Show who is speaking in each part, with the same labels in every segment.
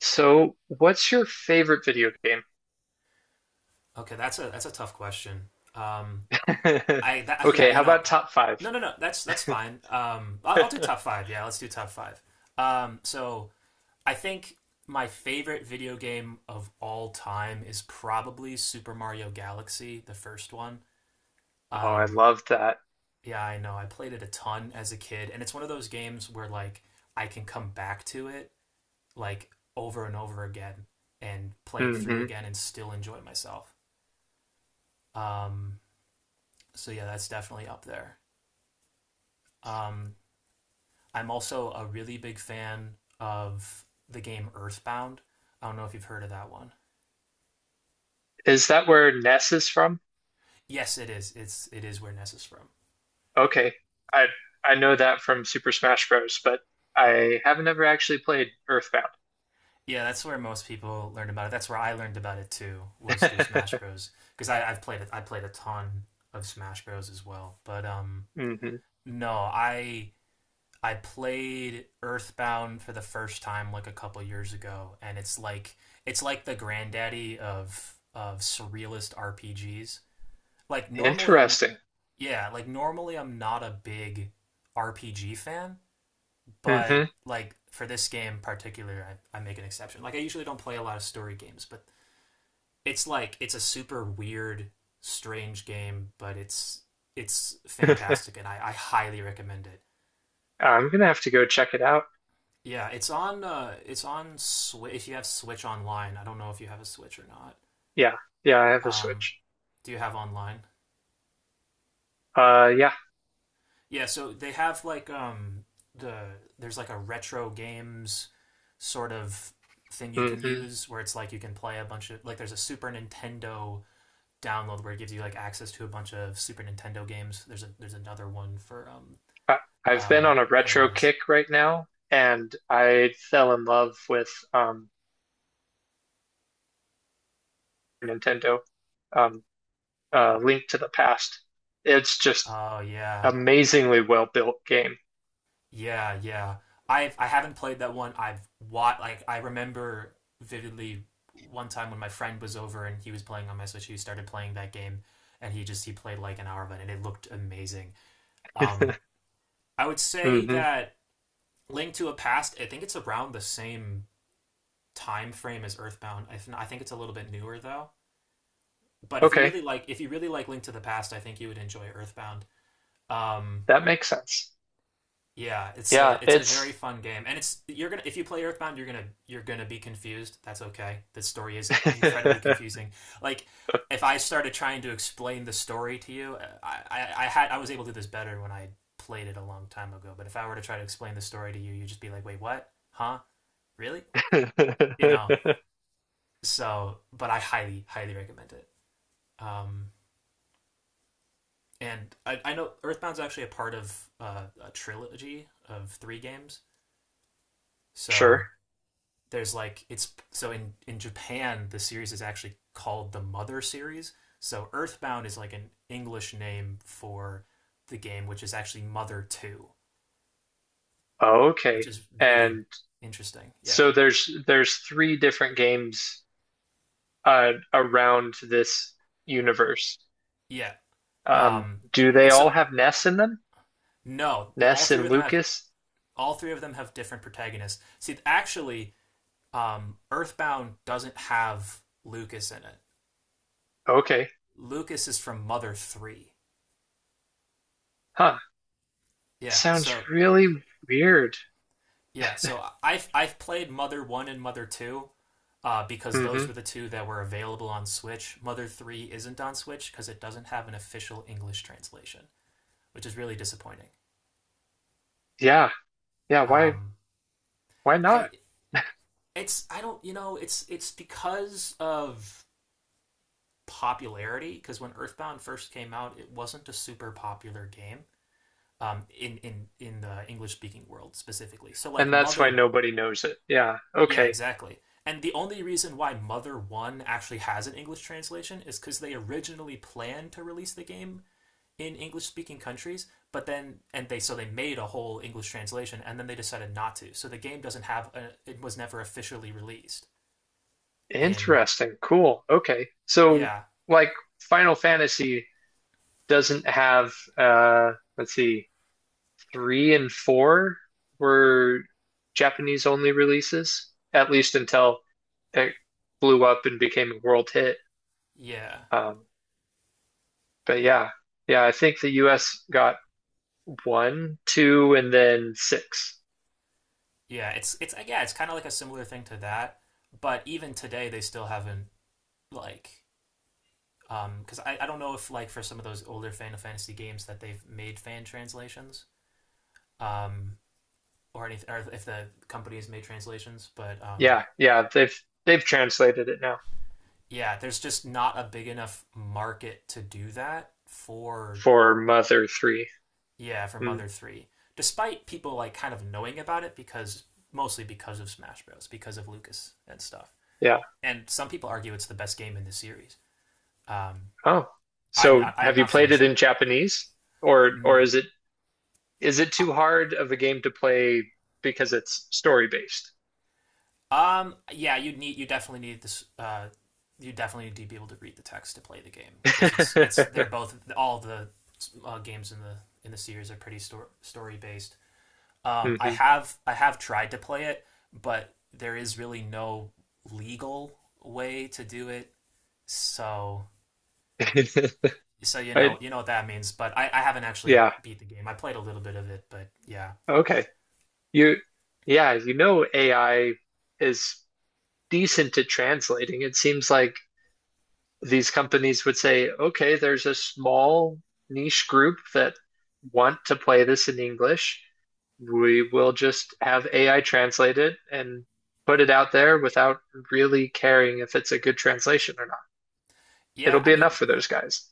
Speaker 1: So, what's your favorite video game?
Speaker 2: Okay, that's a tough question. Um, I that, yeah,
Speaker 1: Okay,
Speaker 2: you
Speaker 1: how
Speaker 2: know,
Speaker 1: about top five?
Speaker 2: no, no, no, that's fine. I'll do top five. Yeah, let's do top five. So I think my favorite video game of all time is probably Super Mario Galaxy, the first one.
Speaker 1: Oh, I
Speaker 2: Um,
Speaker 1: love that.
Speaker 2: yeah, I know. I played it a ton as a kid, and it's one of those games where I can come back to it, like over and over again, and play it through
Speaker 1: Hmm.
Speaker 2: again and still enjoy myself. Um, so yeah, that's definitely up there. Um, I'm also a really big fan of the game Earthbound. I don't know if you've heard of that one.
Speaker 1: Is that where Ness is from?
Speaker 2: Yes, it is. It is where Ness is from.
Speaker 1: Okay, I I know that from Super Smash Bros., but I haven't ever actually played Earthbound.
Speaker 2: Yeah, that's where most people learned about it. That's where I learned about it too, was through Smash Bros. Because I I've played it. I played a ton of Smash Bros. As well. But
Speaker 1: Hmm.
Speaker 2: no, I played Earthbound for the first time like a couple years ago, and it's like the granddaddy of surrealist RPGs. Like normally, I'm
Speaker 1: Interesting.
Speaker 2: Yeah, like normally I'm not a big RPG fan, but
Speaker 1: Hmm.
Speaker 2: like for this game in particular, I make an exception. Like I usually don't play a lot of story games, but it's like it's a super weird, strange game, but it's fantastic, and I highly recommend it.
Speaker 1: I'm gonna have to go check it out.
Speaker 2: Yeah, it's on Switch. If you have Switch online, I don't know if you have a Switch or not.
Speaker 1: Yeah, yeah, I have a
Speaker 2: Um,
Speaker 1: Switch.
Speaker 2: do you have online?
Speaker 1: Yeah.
Speaker 2: Yeah, so they have like the there's like a retro games sort of thing you can
Speaker 1: Hmm.
Speaker 2: use where it's like you can play a bunch of like there's a Super Nintendo download where it gives you like access to a bunch of Super Nintendo games. There's another one for
Speaker 1: I, I've been
Speaker 2: uh
Speaker 1: on a retro
Speaker 2: NES.
Speaker 1: kick right now, and I fell in love with Nintendo, um, Link to the Past. It's just
Speaker 2: Oh yeah.
Speaker 1: amazingly well built game.
Speaker 2: Yeah, yeah. I haven't played that one. I've watched like I remember vividly one time when my friend was over and he was playing on my Switch. He started playing that game and he played like an hour of it and it looked amazing. Um, I would say
Speaker 1: Hmm.
Speaker 2: that Link to a Past, I think it's around the same time frame as Earthbound. I think it's a little bit newer though. But if you
Speaker 1: Okay,
Speaker 2: really like if you really like Link to the Past, I think you would enjoy Earthbound. Um,
Speaker 1: that makes sense.
Speaker 2: Yeah,
Speaker 1: Yeah,
Speaker 2: it's a very
Speaker 1: it's,
Speaker 2: fun game, and it's you're gonna if you play Earthbound, you're gonna be confused. That's okay. The story is incredibly confusing. Like if I started trying to explain the story to you, I had I was able to do this better when I played it a long time ago. But if I were to try to explain the story to you, you'd just be like, "Wait, what? Huh? Really?" You know. So, but I highly highly recommend it. Um, and I know Earthbound's actually a part of a trilogy of three games.
Speaker 1: sure.
Speaker 2: So there's like it's so in Japan the series is actually called the Mother series. So Earthbound is like an English name for the game, which is actually Mother Two, which
Speaker 1: Okay,
Speaker 2: is really
Speaker 1: and
Speaker 2: interesting. Yeah,
Speaker 1: so there's three different games around this universe.
Speaker 2: yeah.
Speaker 1: Um,
Speaker 2: Um,
Speaker 1: do they
Speaker 2: and so
Speaker 1: all have Ness in them?
Speaker 2: No,
Speaker 1: Ness and Lucas?
Speaker 2: all three of them have different protagonists. See, actually, Earthbound doesn't have Lucas in it.
Speaker 1: Okay,
Speaker 2: Lucas is from Mother Three.
Speaker 1: huh.
Speaker 2: Yeah.
Speaker 1: Sounds
Speaker 2: So
Speaker 1: really weird.
Speaker 2: yeah. So I've played Mother One and Mother Two, because those
Speaker 1: Hmm.
Speaker 2: were the two that were available on Switch. Mother 3 isn't on Switch because it doesn't have an official English translation, which is really disappointing.
Speaker 1: Yeah. Yeah, why
Speaker 2: Um,
Speaker 1: why
Speaker 2: I
Speaker 1: not?
Speaker 2: It's I don't you know it's because of popularity because when Earthbound first came out, it wasn't a super popular game, in the English speaking world specifically. So
Speaker 1: And
Speaker 2: like
Speaker 1: that's why
Speaker 2: Mother,
Speaker 1: nobody knows it. Yeah.
Speaker 2: yeah,
Speaker 1: Okay.
Speaker 2: exactly. And the only reason why Mother 1 actually has an English translation is because they originally planned to release the game in English speaking countries, but then and they so they made a whole English translation and then they decided not to. So the game doesn't have a, it was never officially released in
Speaker 1: Interesting. Cool. Okay. So
Speaker 2: yeah,
Speaker 1: like Final Fantasy doesn't have let's see, three and four were Japanese only releases, at least until it blew up and became a world hit.
Speaker 2: yeah.
Speaker 1: Um, but yeah. Yeah, I think the US got one, two, and then six.
Speaker 2: Yeah, it's Yeah, it's kind of like a similar thing to that, but even today they still haven't like cuz I don't know if like for some of those older Final Fantasy games that they've made fan translations, um or anything, or if the company has made translations, but
Speaker 1: Yeah, yeah, they've translated it now.
Speaker 2: yeah, there's just not a big enough market to do that for
Speaker 1: For Mother 3.
Speaker 2: yeah, for
Speaker 1: Hmm.
Speaker 2: Mother 3. Despite people like kind of knowing about it because mostly because of Smash Bros, because of Lucas and stuff.
Speaker 1: Yeah.
Speaker 2: And some people argue it's the best game in the series. Um
Speaker 1: Oh.
Speaker 2: I've
Speaker 1: So
Speaker 2: not, I have
Speaker 1: have you
Speaker 2: not
Speaker 1: played it
Speaker 2: finished
Speaker 1: in
Speaker 2: it.
Speaker 1: Japanese or
Speaker 2: Mm,
Speaker 1: is it
Speaker 2: uh,
Speaker 1: too hard of a game to play because it's story based?
Speaker 2: Yeah, you need you definitely need this you definitely need to be able to read the text to play the game because it's they're both all the games in the series are pretty story story based.
Speaker 1: Hmm.
Speaker 2: I have tried to play it, but there is really no legal way to do it. So so
Speaker 1: I,
Speaker 2: you know what that means. But I haven't actually
Speaker 1: yeah.
Speaker 2: beat the game. I played a little bit of it, but yeah,
Speaker 1: Okay. You yeah, you know AI is decent at translating. It seems like these companies would say, okay, there's a small niche group that want to play this in English. We will just have AI translate it and put it out there without really caring if it's a good translation or not. It'll
Speaker 2: yeah. I
Speaker 1: be enough
Speaker 2: mean
Speaker 1: for those guys.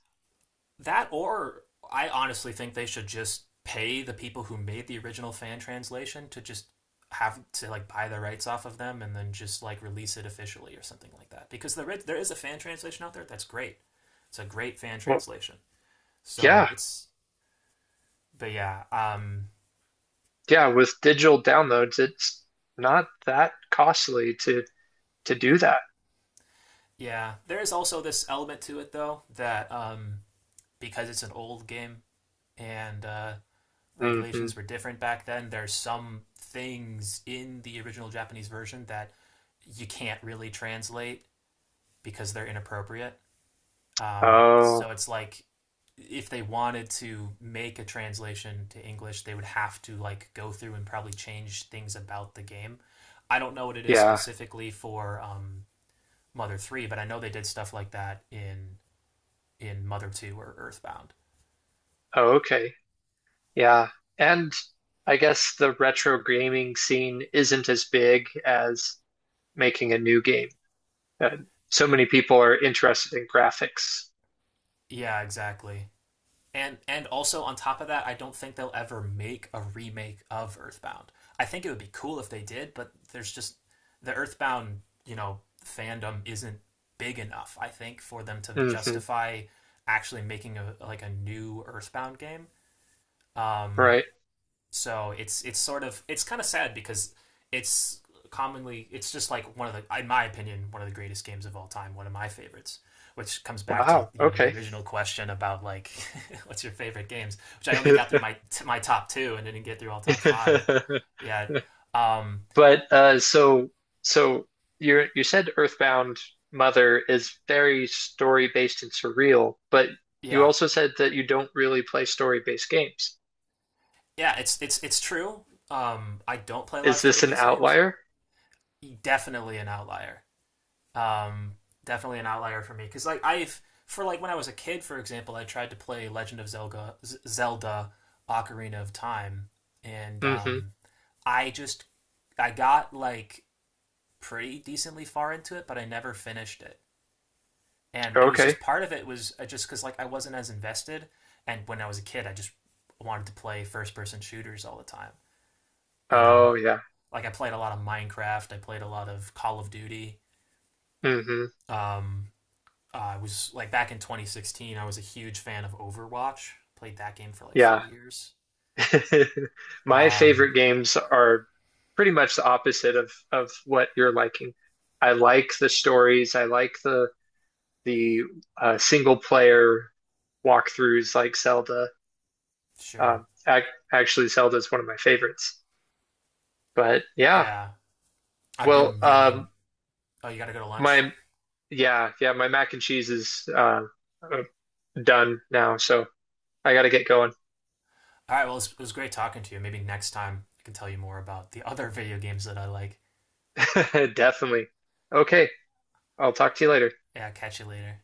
Speaker 2: that, or I honestly think they should just pay the people who made the original fan translation to just have to like buy the rights off of them and then just like release it officially or something like that. Because there is a fan translation out there that's great. It's a great fan
Speaker 1: Well,
Speaker 2: translation. So
Speaker 1: yeah,
Speaker 2: it's But yeah, um,
Speaker 1: yeah, with digital downloads, it's not that costly to do that.
Speaker 2: yeah, there is also this element to it though that, because it's an old game and,
Speaker 1: Hmm.
Speaker 2: regulations were different back then, there's some things in the original Japanese version that you can't really translate because they're inappropriate. So
Speaker 1: Oh,
Speaker 2: it's like if they wanted to make a translation to English, they would have to like go through and probably change things about the game. I don't know what it is
Speaker 1: yeah.
Speaker 2: specifically for, Mother Three, but I know they did stuff like that in Mother Two or Earthbound.
Speaker 1: Oh, okay. Yeah. And I guess the retro gaming scene isn't as big as making a new game. Uh, so many people are interested in graphics.
Speaker 2: Yeah, exactly. And also on top of that, I don't think they'll ever make a remake of Earthbound. I think it would be cool if they did, but there's just the Earthbound, you know, fandom isn't big enough. I think for them to
Speaker 1: Hmm.
Speaker 2: justify actually making a like a new Earthbound game. Um,
Speaker 1: Right.
Speaker 2: So it's sort of it's kind of sad because it's commonly it's just like one of the in my opinion one of the greatest games of all time, one of my favorites. Which comes back to
Speaker 1: Wow.
Speaker 2: you know the
Speaker 1: Okay.
Speaker 2: original question about like what's your favorite games, which I only got through my top two and didn't get through all top five. Yeah, um,
Speaker 1: But so you said Earthbound Mother is very story based and surreal, but you
Speaker 2: yeah,
Speaker 1: also said that you don't really play story based games.
Speaker 2: yeah. It's true. I don't play a lot of
Speaker 1: Is
Speaker 2: story
Speaker 1: this an
Speaker 2: based games.
Speaker 1: outlier?
Speaker 2: Definitely an outlier. Um, Definitely an outlier for me because like I've for like when I was a kid, for example, I tried to play Legend of Zelda, Zelda Ocarina of Time, and,
Speaker 1: Hmm.
Speaker 2: I just I got like pretty decently far into it, but I never finished it. And it was
Speaker 1: Okay.
Speaker 2: just part of it was, just because like I wasn't as invested, and when I was a kid, I just wanted to play first person shooters all the time. You know,
Speaker 1: Oh yeah.
Speaker 2: like I played a lot of Minecraft, I played a lot of Call of Duty,
Speaker 1: Mm-hmm.
Speaker 2: um, I was like back in 2016. I was a huge fan of Overwatch. Played that game for like
Speaker 1: Yeah.
Speaker 2: 4 years.
Speaker 1: My
Speaker 2: Um,
Speaker 1: favorite games are pretty much the opposite of what you're liking. I like the stories. I like the single player walkthroughs like Zelda.
Speaker 2: sure.
Speaker 1: Ac actually, Zelda is one of my favorites. But yeah,
Speaker 2: Yeah, I've
Speaker 1: well,
Speaker 2: been really. Oh, you got to go to lunch.
Speaker 1: my yeah yeah my mac and cheese is uh, done now, so I gotta get going.
Speaker 2: All right. Well, it was great talking to you. Maybe next time I can tell you more about the other video games that I like.
Speaker 1: Definitely. Okay, I'll talk to you later.
Speaker 2: Yeah. Catch you later.